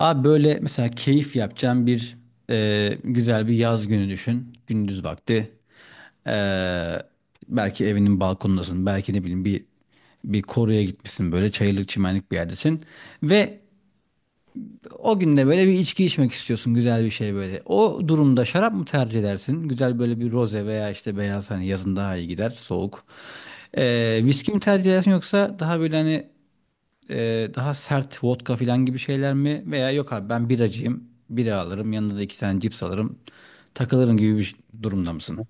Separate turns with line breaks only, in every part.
Abi böyle mesela keyif yapacağın bir güzel bir yaz günü düşün. Gündüz vakti. E, Belki evinin balkonundasın. Belki ne bileyim bir koruya gitmişsin böyle çayırlık çimenlik bir yerdesin. Ve o günde böyle bir içki içmek istiyorsun güzel bir şey böyle. O durumda şarap mı tercih edersin? Güzel böyle bir roze veya işte beyaz hani yazın daha iyi gider soğuk. E, Viski mi tercih edersin yoksa daha böyle hani daha sert vodka falan gibi şeyler mi? Veya yok abi ben biracıyım. Bira alırım. Yanında da iki tane cips alırım. Takılırım gibi bir durumda mısın?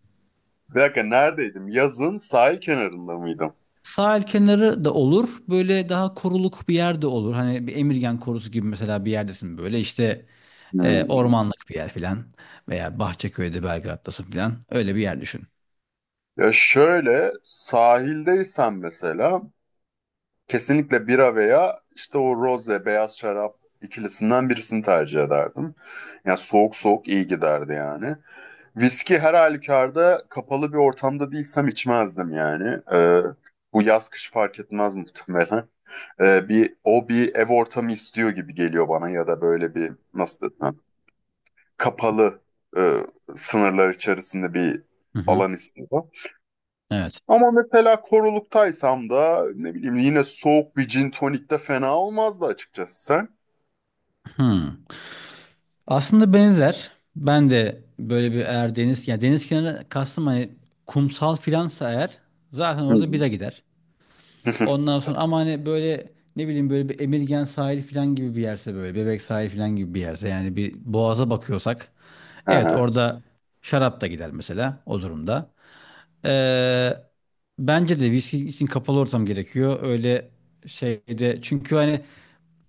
Bir dakika neredeydim? Yazın sahil kenarında mıydım?
Sahil kenarı da olur. Böyle daha koruluk bir yer de olur. Hani bir Emirgan korusu gibi mesela bir yerdesin böyle. İşte
Hmm.
ormanlık bir yer filan. Veya Bahçeköy'de Belgrad'dasın filan. Öyle bir yer düşün.
Ya şöyle sahildeysen mesela kesinlikle bira veya işte o roze beyaz şarap ikilisinden birisini tercih ederdim. Ya soğuk soğuk iyi giderdi yani. Viski her halükarda kapalı bir ortamda değilsem içmezdim yani. Bu yaz kış fark etmez muhtemelen. Bir ev ortamı istiyor gibi geliyor bana ya da böyle bir, nasıl desem, kapalı, e, sınırlar içerisinde bir
Hı hı.
alan istiyor.
Evet.
Ama mesela koruluktaysam da ne bileyim yine soğuk bir gin tonik de fena olmazdı, açıkçası sen.
Hı. Aslında benzer. Ben de böyle bir eğer deniz yani deniz kenarı kastım hani kumsal filansa eğer zaten
Hı
orada
hı.
bira gider. Ondan sonra ama hani böyle ne bileyim böyle bir Emirgan sahili filan gibi bir yerse böyle Bebek sahili filan gibi bir yerse yani bir boğaza bakıyorsak evet
Aha,
orada şarap da gider mesela o durumda. Ee, Bence de viski için kapalı ortam gerekiyor. Öyle şeyde çünkü hani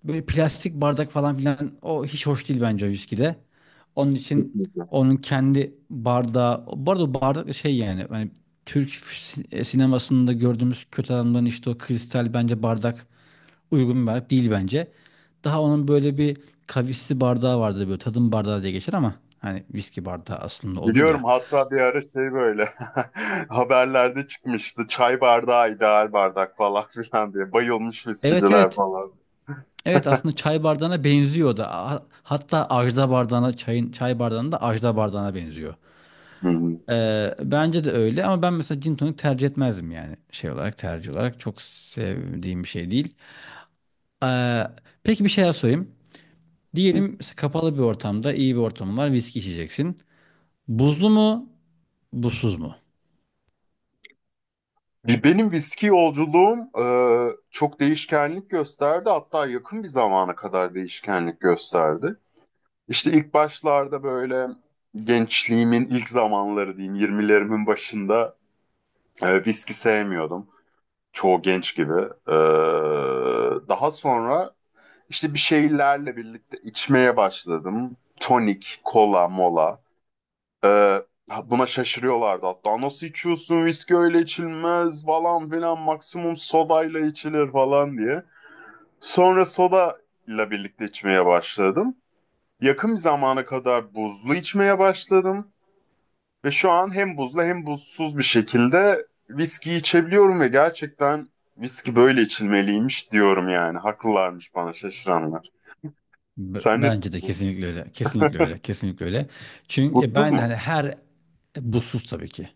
böyle plastik bardak falan filan o hiç hoş değil bence viskide. Onun için
kesinlikle.
onun kendi bardağı, bu arada o bardak da şey yani hani Türk sinemasında gördüğümüz kötü adamların işte o kristal bence bardak uygun bir bardak değil bence. Daha onun böyle bir kavisli bardağı vardı böyle tadım bardağı diye geçer ama hani viski bardağı aslında olur
Biliyorum,
ya.
hatta bir ara şey, böyle haberlerde çıkmıştı, çay bardağı ideal bardak falan filan diye bayılmış
Evet
viskiciler
evet.
falan.
Evet aslında çay bardağına benziyor da. Hatta ajda bardağına çay bardağına da ajda bardağına benziyor.
Hı
Bence de öyle ama ben mesela gin tonic tercih etmezdim yani şey olarak tercih olarak çok sevdiğim bir şey değil. Ee, peki bir şey daha sorayım.
hı.
Diyelim kapalı bir ortamda iyi bir ortam var viski içeceksin. Buzlu mu buzsuz mu?
Benim viski yolculuğum çok değişkenlik gösterdi. Hatta yakın bir zamana kadar değişkenlik gösterdi. İşte ilk başlarda böyle, gençliğimin ilk zamanları diyeyim, 20'lerimin başında viski sevmiyordum. Çoğu genç gibi. E, Daha sonra işte bir şeylerle birlikte içmeye başladım. Tonik, kola, mola. Ee, Buna şaşırıyorlardı hatta. Nasıl içiyorsun? Viski öyle içilmez falan filan. Maksimum sodayla içilir falan diye. Sonra soda ile birlikte içmeye başladım. Yakın bir zamana kadar buzlu içmeye başladım. Ve şu an hem buzlu hem buzsuz bir şekilde viski içebiliyorum ve gerçekten viski böyle içilmeliymiş diyorum yani. Haklılarmış bana şaşıranlar.
B-
Sen ne
bence de
düşünüyorsun?
kesinlikle öyle. Kesinlikle öyle. Kesinlikle öyle. Çünkü ya
Buzsuz
ben de
mu?
hani her buzsuz tabii ki.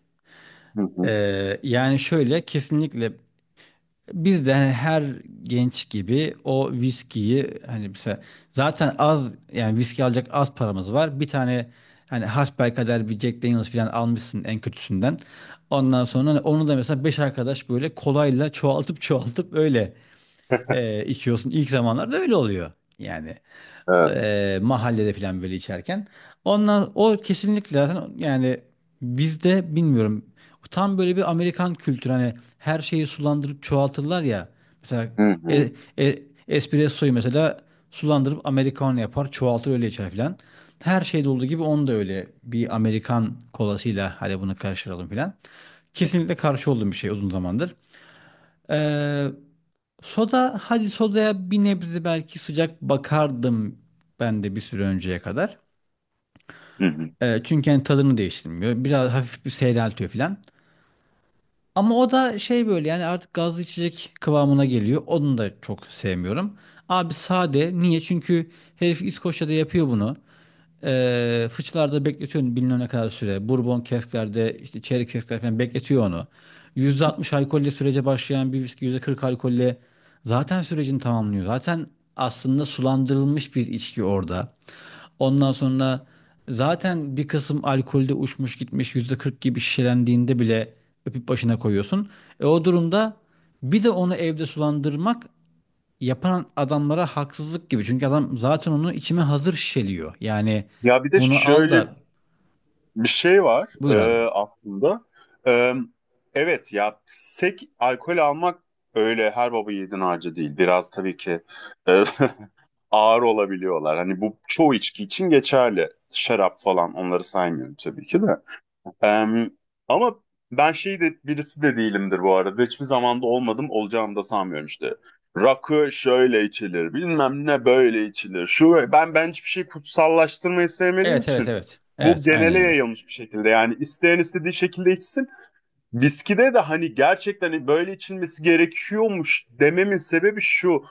Hı hı.
Yani şöyle kesinlikle biz de hani her genç gibi o viskiyi hani mesela zaten az yani viski alacak az paramız var. Bir tane hani hasbelkader bir Jack Daniel's falan almışsın en kötüsünden. Ondan sonra hani onu da mesela beş arkadaş böyle kolayla çoğaltıp çoğaltıp öyle içiyorsun. İlk zamanlarda öyle oluyor yani.
Evet.
Mahallede falan böyle içerken. Onlar o kesinlikle zaten yani bizde bilmiyorum tam böyle bir Amerikan kültürü hani her şeyi sulandırıp çoğaltırlar ya. Mesela
Hı hı.
e, e, espressoyu mesela sulandırıp Americano yapar çoğaltır öyle içer falan. Her şeyde olduğu gibi onu da öyle bir Amerikan kolasıyla hadi bunu karıştıralım falan. Kesinlikle karşı olduğum bir şey uzun zamandır. Soda, hadi sodaya bir nebze belki sıcak bakardım ben de bir süre önceye kadar.
Hı hı.
Çünkü hani tadını değiştirmiyor. Biraz hafif bir seyreltiyor falan. Ama o da şey böyle yani artık gazlı içecek kıvamına geliyor. Onu da çok sevmiyorum. Abi sade. Niye? Çünkü herif İskoçya'da yapıyor bunu. Fıçılarda bekletiyorsun bilmem ne kadar süre. Bourbon kesklerde işte çeyrek keskler falan bekletiyor onu. %60 alkolle sürece başlayan bir viski %40 alkolle zaten sürecini tamamlıyor. Zaten aslında sulandırılmış bir içki orada. Ondan sonra zaten bir kısım alkolde uçmuş gitmiş %40 gibi şişelendiğinde bile öpüp başına koyuyorsun. O durumda bir de onu evde sulandırmak yapan adamlara haksızlık gibi. Çünkü adam zaten onu içime hazır şişeliyor. Yani
Ya, bir de
bunu al
şöyle.
da
Bir şey var
buyur abi.
aslında. E, evet ya, sek alkol almak öyle her baba yiğidin harcı değil. Biraz tabii ki e, ağır olabiliyorlar. Hani bu çoğu içki için geçerli. Şarap falan, onları saymıyorum tabii ki de. Em, Ama ben şey de birisi de değilimdir bu arada. Hiçbir zamanda olmadım, olacağımı da sanmıyorum işte. Rakı şöyle içilir, bilmem ne böyle içilir. Şu, ben hiçbir şey kutsallaştırmayı sevmediğim
Evet evet
için
evet.
bu
Evet aynen
genele
öyle.
yayılmış bir şekilde. Yani isteyen istediği şekilde içsin. Viskide de hani gerçekten böyle içilmesi gerekiyormuş dememin sebebi şu.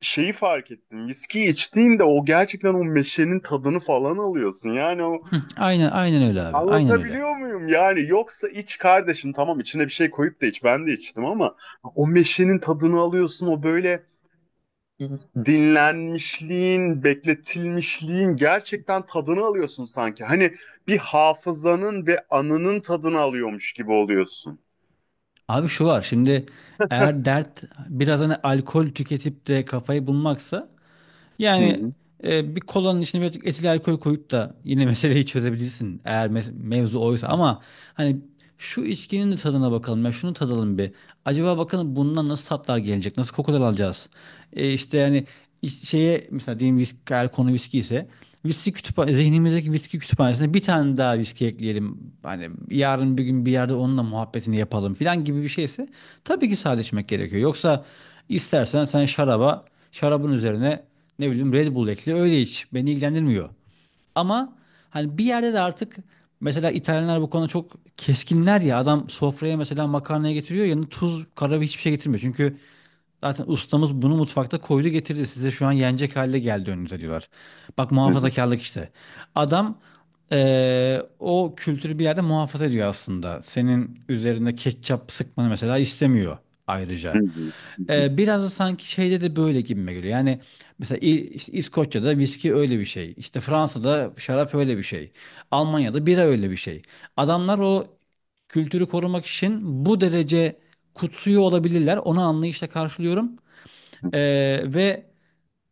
Şeyi fark ettim. Viski içtiğinde o gerçekten o meşenin tadını falan alıyorsun. Yani o.
Aynen aynen öyle abi. Aynen öyle.
Anlatabiliyor muyum? Yani yoksa, iç kardeşim, tamam, içine bir şey koyup da iç, ben de içtim, ama o meşenin tadını alıyorsun, o böyle dinlenmişliğin, bekletilmişliğin gerçekten tadını alıyorsun sanki. Hani bir hafızanın ve anının tadını alıyormuş gibi oluyorsun.
Abi şu var şimdi eğer dert biraz hani alkol tüketip de kafayı bulmaksa
Hı
yani
hı,
bir kolanın içine birazcık etil alkol koyup da yine meseleyi çözebilirsin eğer mevzu oysa ama hani şu içkinin de tadına bakalım ya şunu tadalım bir. Acaba bakalım bundan nasıl tatlar gelecek? Nasıl kokular alacağız? İşte yani şeye mesela diyelim viski, eğer konu viski ise viski kütüphane, zihnimizdeki viski kütüphanesine bir tane daha viski ekleyelim. Hani yarın bir gün bir yerde onunla muhabbetini yapalım filan gibi bir şeyse tabii ki sade içmek gerekiyor. Yoksa istersen sen şarabın üzerine ne bileyim Red Bull ekle öyle iç. Beni ilgilendirmiyor. Ama hani bir yerde de artık mesela İtalyanlar bu konuda çok keskinler ya. Adam sofraya mesela makarnaya getiriyor yanına tuz, karabiber hiçbir şey getirmiyor. Çünkü zaten ustamız bunu mutfakta koydu getirdi. Size şu an yenecek halde geldi önünüze diyorlar. Bak
hı hı,
muhafazakarlık işte. Adam o kültürü bir yerde muhafaza ediyor aslında. Senin üzerine ketçap sıkmanı mesela istemiyor
hı
ayrıca.
hı, hı hı,
Biraz da sanki şeyde de böyle gibime geliyor. Yani mesela işte İskoçya'da viski öyle bir şey. İşte Fransa'da şarap öyle bir şey. Almanya'da bira öyle bir şey. Adamlar o kültürü korumak için bu derece kutsuyor olabilirler. Onu anlayışla karşılıyorum.
hı.
Ee, ve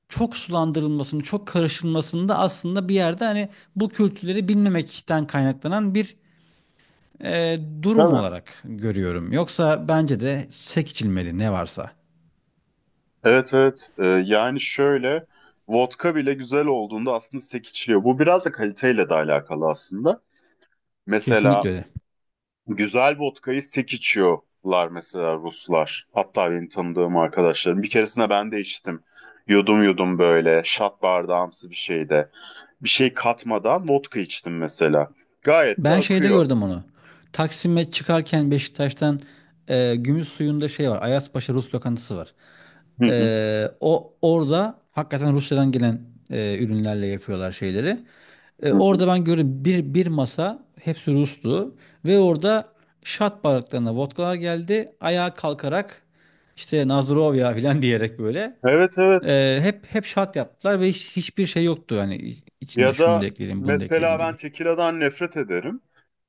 çok sulandırılmasını, çok karışılmasını da aslında bir yerde hani bu kültürleri bilmemekten kaynaklanan bir durum
Tabii.
olarak görüyorum. Yoksa bence de sek içilmeli ne varsa.
Evet, evet. Yani şöyle, vodka bile güzel olduğunda aslında sek içiliyor. Bu biraz da kaliteyle de alakalı aslında.
Kesinlikle
Mesela,
öyle.
güzel vodkayı sek içiyorlar mesela Ruslar. Hatta benim tanıdığım arkadaşlarım. Bir keresinde ben de içtim. Yudum yudum böyle şat bardağımsı bir şeyde. Bir şey katmadan vodka içtim mesela. Gayet de
Ben şeyde
akıyor.
gördüm onu. Taksim'e çıkarken Beşiktaş'tan Gümüş Suyu'nda şey var. Ayazpaşa Rus lokantası var.
Hı hı,
O orada hakikaten Rusya'dan gelen ürünlerle yapıyorlar şeyleri.
hı hı.
Orada ben gördüm bir masa hepsi Rus'tu ve orada şat bardaklarına vodkalar geldi. Ayağa kalkarak işte Nazırov ya falan diyerek böyle
Evet, evet.
hep hep şat yaptılar ve hiçbir şey yoktu hani içinde
Ya
şunu da
da
ekleyelim bunu da ekleyelim
mesela,
gibi.
ben tekiladan nefret ederim.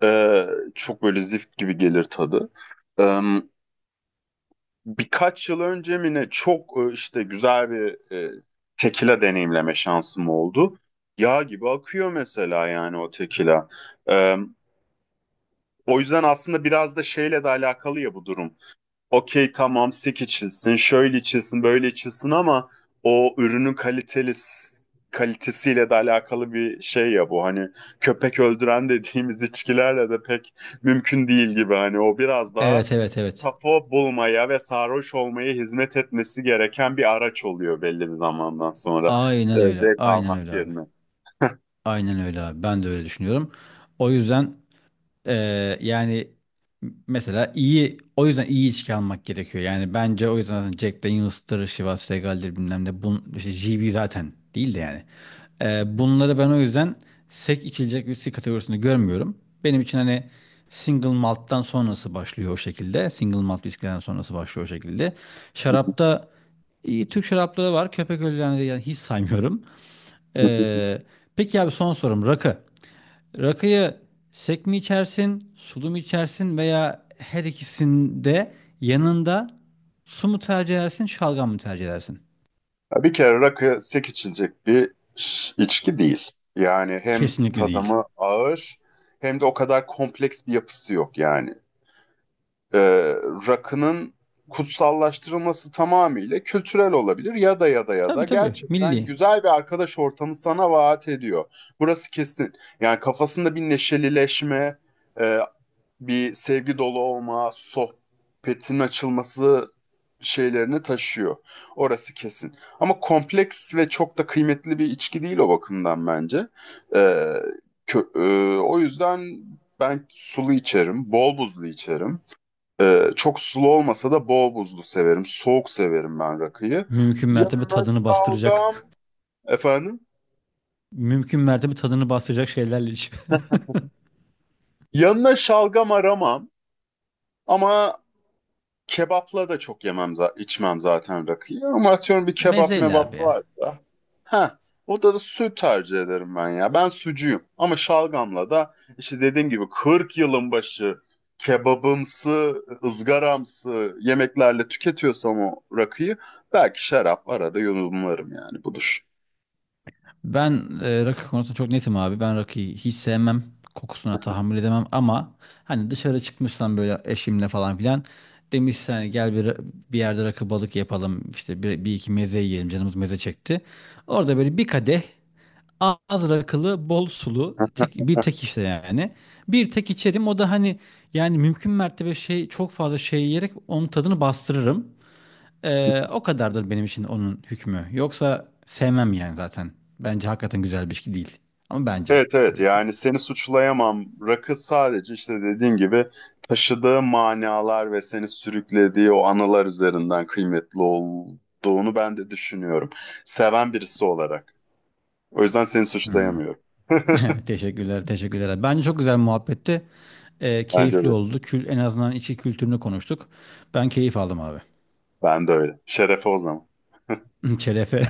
Ee, Çok böyle zift gibi gelir tadı. Ee, Birkaç yıl önce mi ne, çok işte güzel bir tekila deneyimleme şansım oldu. Yağ gibi akıyor mesela yani o tekila. E, O yüzden aslında biraz da şeyle de alakalı ya bu durum. Okey, tamam, sik içilsin, şöyle içilsin, böyle içilsin, ama o ürünün kalitesiyle de alakalı bir şey ya bu. Hani köpek öldüren dediğimiz içkilerle de pek mümkün değil gibi. Hani o biraz daha
Evet evet evet.
kafa bulmaya ve sarhoş olmaya hizmet etmesi gereken bir araç oluyor belli bir zamandan sonra.
Aynen öyle.
Zevk
Aynen
almak
öyle abi.
yerine.
Aynen öyle abi. Ben de öyle düşünüyorum. O yüzden yani mesela iyi o yüzden iyi içki almak gerekiyor. Yani bence o yüzden zaten Jack Daniels'tır, Chivas Regal'dir bilmem ne. İşte GB zaten değil de yani. Bunları ben o yüzden sek içilecek viski kategorisinde görmüyorum. Benim için hani single malt'tan sonrası başlıyor o şekilde. Single malt viskiden sonrası başlıyor o şekilde. Şarapta iyi Türk şarapları var. Köpek ölülerini yani hiç saymıyorum. Ee, peki abi son sorum rakı. Rakıyı sek mi içersin, sulu mu içersin veya her ikisinde yanında su mu tercih edersin, şalgam mı tercih edersin?
Ya, bir kere rakı sek içilecek bir içki değil. Yani hem
Kesinlikle değil.
tadımı ağır, hem de o kadar kompleks bir yapısı yok yani. e, Rakının kutsallaştırılması tamamıyla kültürel olabilir, ya da
Tabii tabii
gerçekten
milli.
güzel bir arkadaş ortamı sana vaat ediyor. Burası kesin. Yani kafasında bir neşelileşme, e, bir sevgi dolu olma, sohbetin açılması şeylerini taşıyor. Orası kesin. Ama kompleks ve çok da kıymetli bir içki değil o bakımdan bence. E, kö- O yüzden ben sulu içerim, bol buzlu içerim. Çok sulu olmasa da bol buzlu severim. Soğuk severim ben rakıyı.
Mümkün mertebe
Yanına
tadını
şalgam
bastıracak.
efendim.
Mümkün mertebe tadını bastıracak şeylerle iç.
Yanına şalgam aramam, ama kebapla da çok yemem, içmem zaten rakıyı. Ama atıyorum, bir kebap
Mezeyle abi
mebap
ya.
varsa. Ha, o da süt tercih ederim ben ya. Ben sucuyum. Ama şalgamla da işte dediğim gibi, 40 yılın başı kebabımsı, ızgaramsı yemeklerle tüketiyorsam o rakıyı, belki şarap arada yudumlarım yani, budur.
Ben rakı konusunda çok netim abi. Ben rakıyı hiç sevmem. Kokusuna tahammül edemem ama hani dışarı çıkmışsam böyle eşimle falan filan demişsen hani gel bir yerde rakı balık yapalım işte bir iki meze yiyelim canımız meze çekti. Orada böyle bir kadeh az rakılı bol sulu bir tek işte yani. Bir tek içerim o da hani yani mümkün mertebe şey çok fazla şey yiyerek onun tadını bastırırım. O kadardır benim için onun hükmü. Yoksa sevmem yani zaten. Bence hakikaten güzel bir ilişki değil. Ama bence
Evet, evet,
tabii ki.
yani seni suçlayamam. Rakı sadece işte dediğim gibi taşıdığı manalar ve seni sürüklediği o anılar üzerinden kıymetli olduğunu ben de düşünüyorum. Seven birisi olarak. O yüzden seni
Hmm.
suçlayamıyorum.
Teşekkürler, teşekkürler. Bence çok güzel muhabbetti.
Bence
Keyifli
de.
oldu. En azından içi kültürünü konuştuk. Ben keyif aldım abi.
Ben de öyle. Şerefe o zaman.
Şerefe,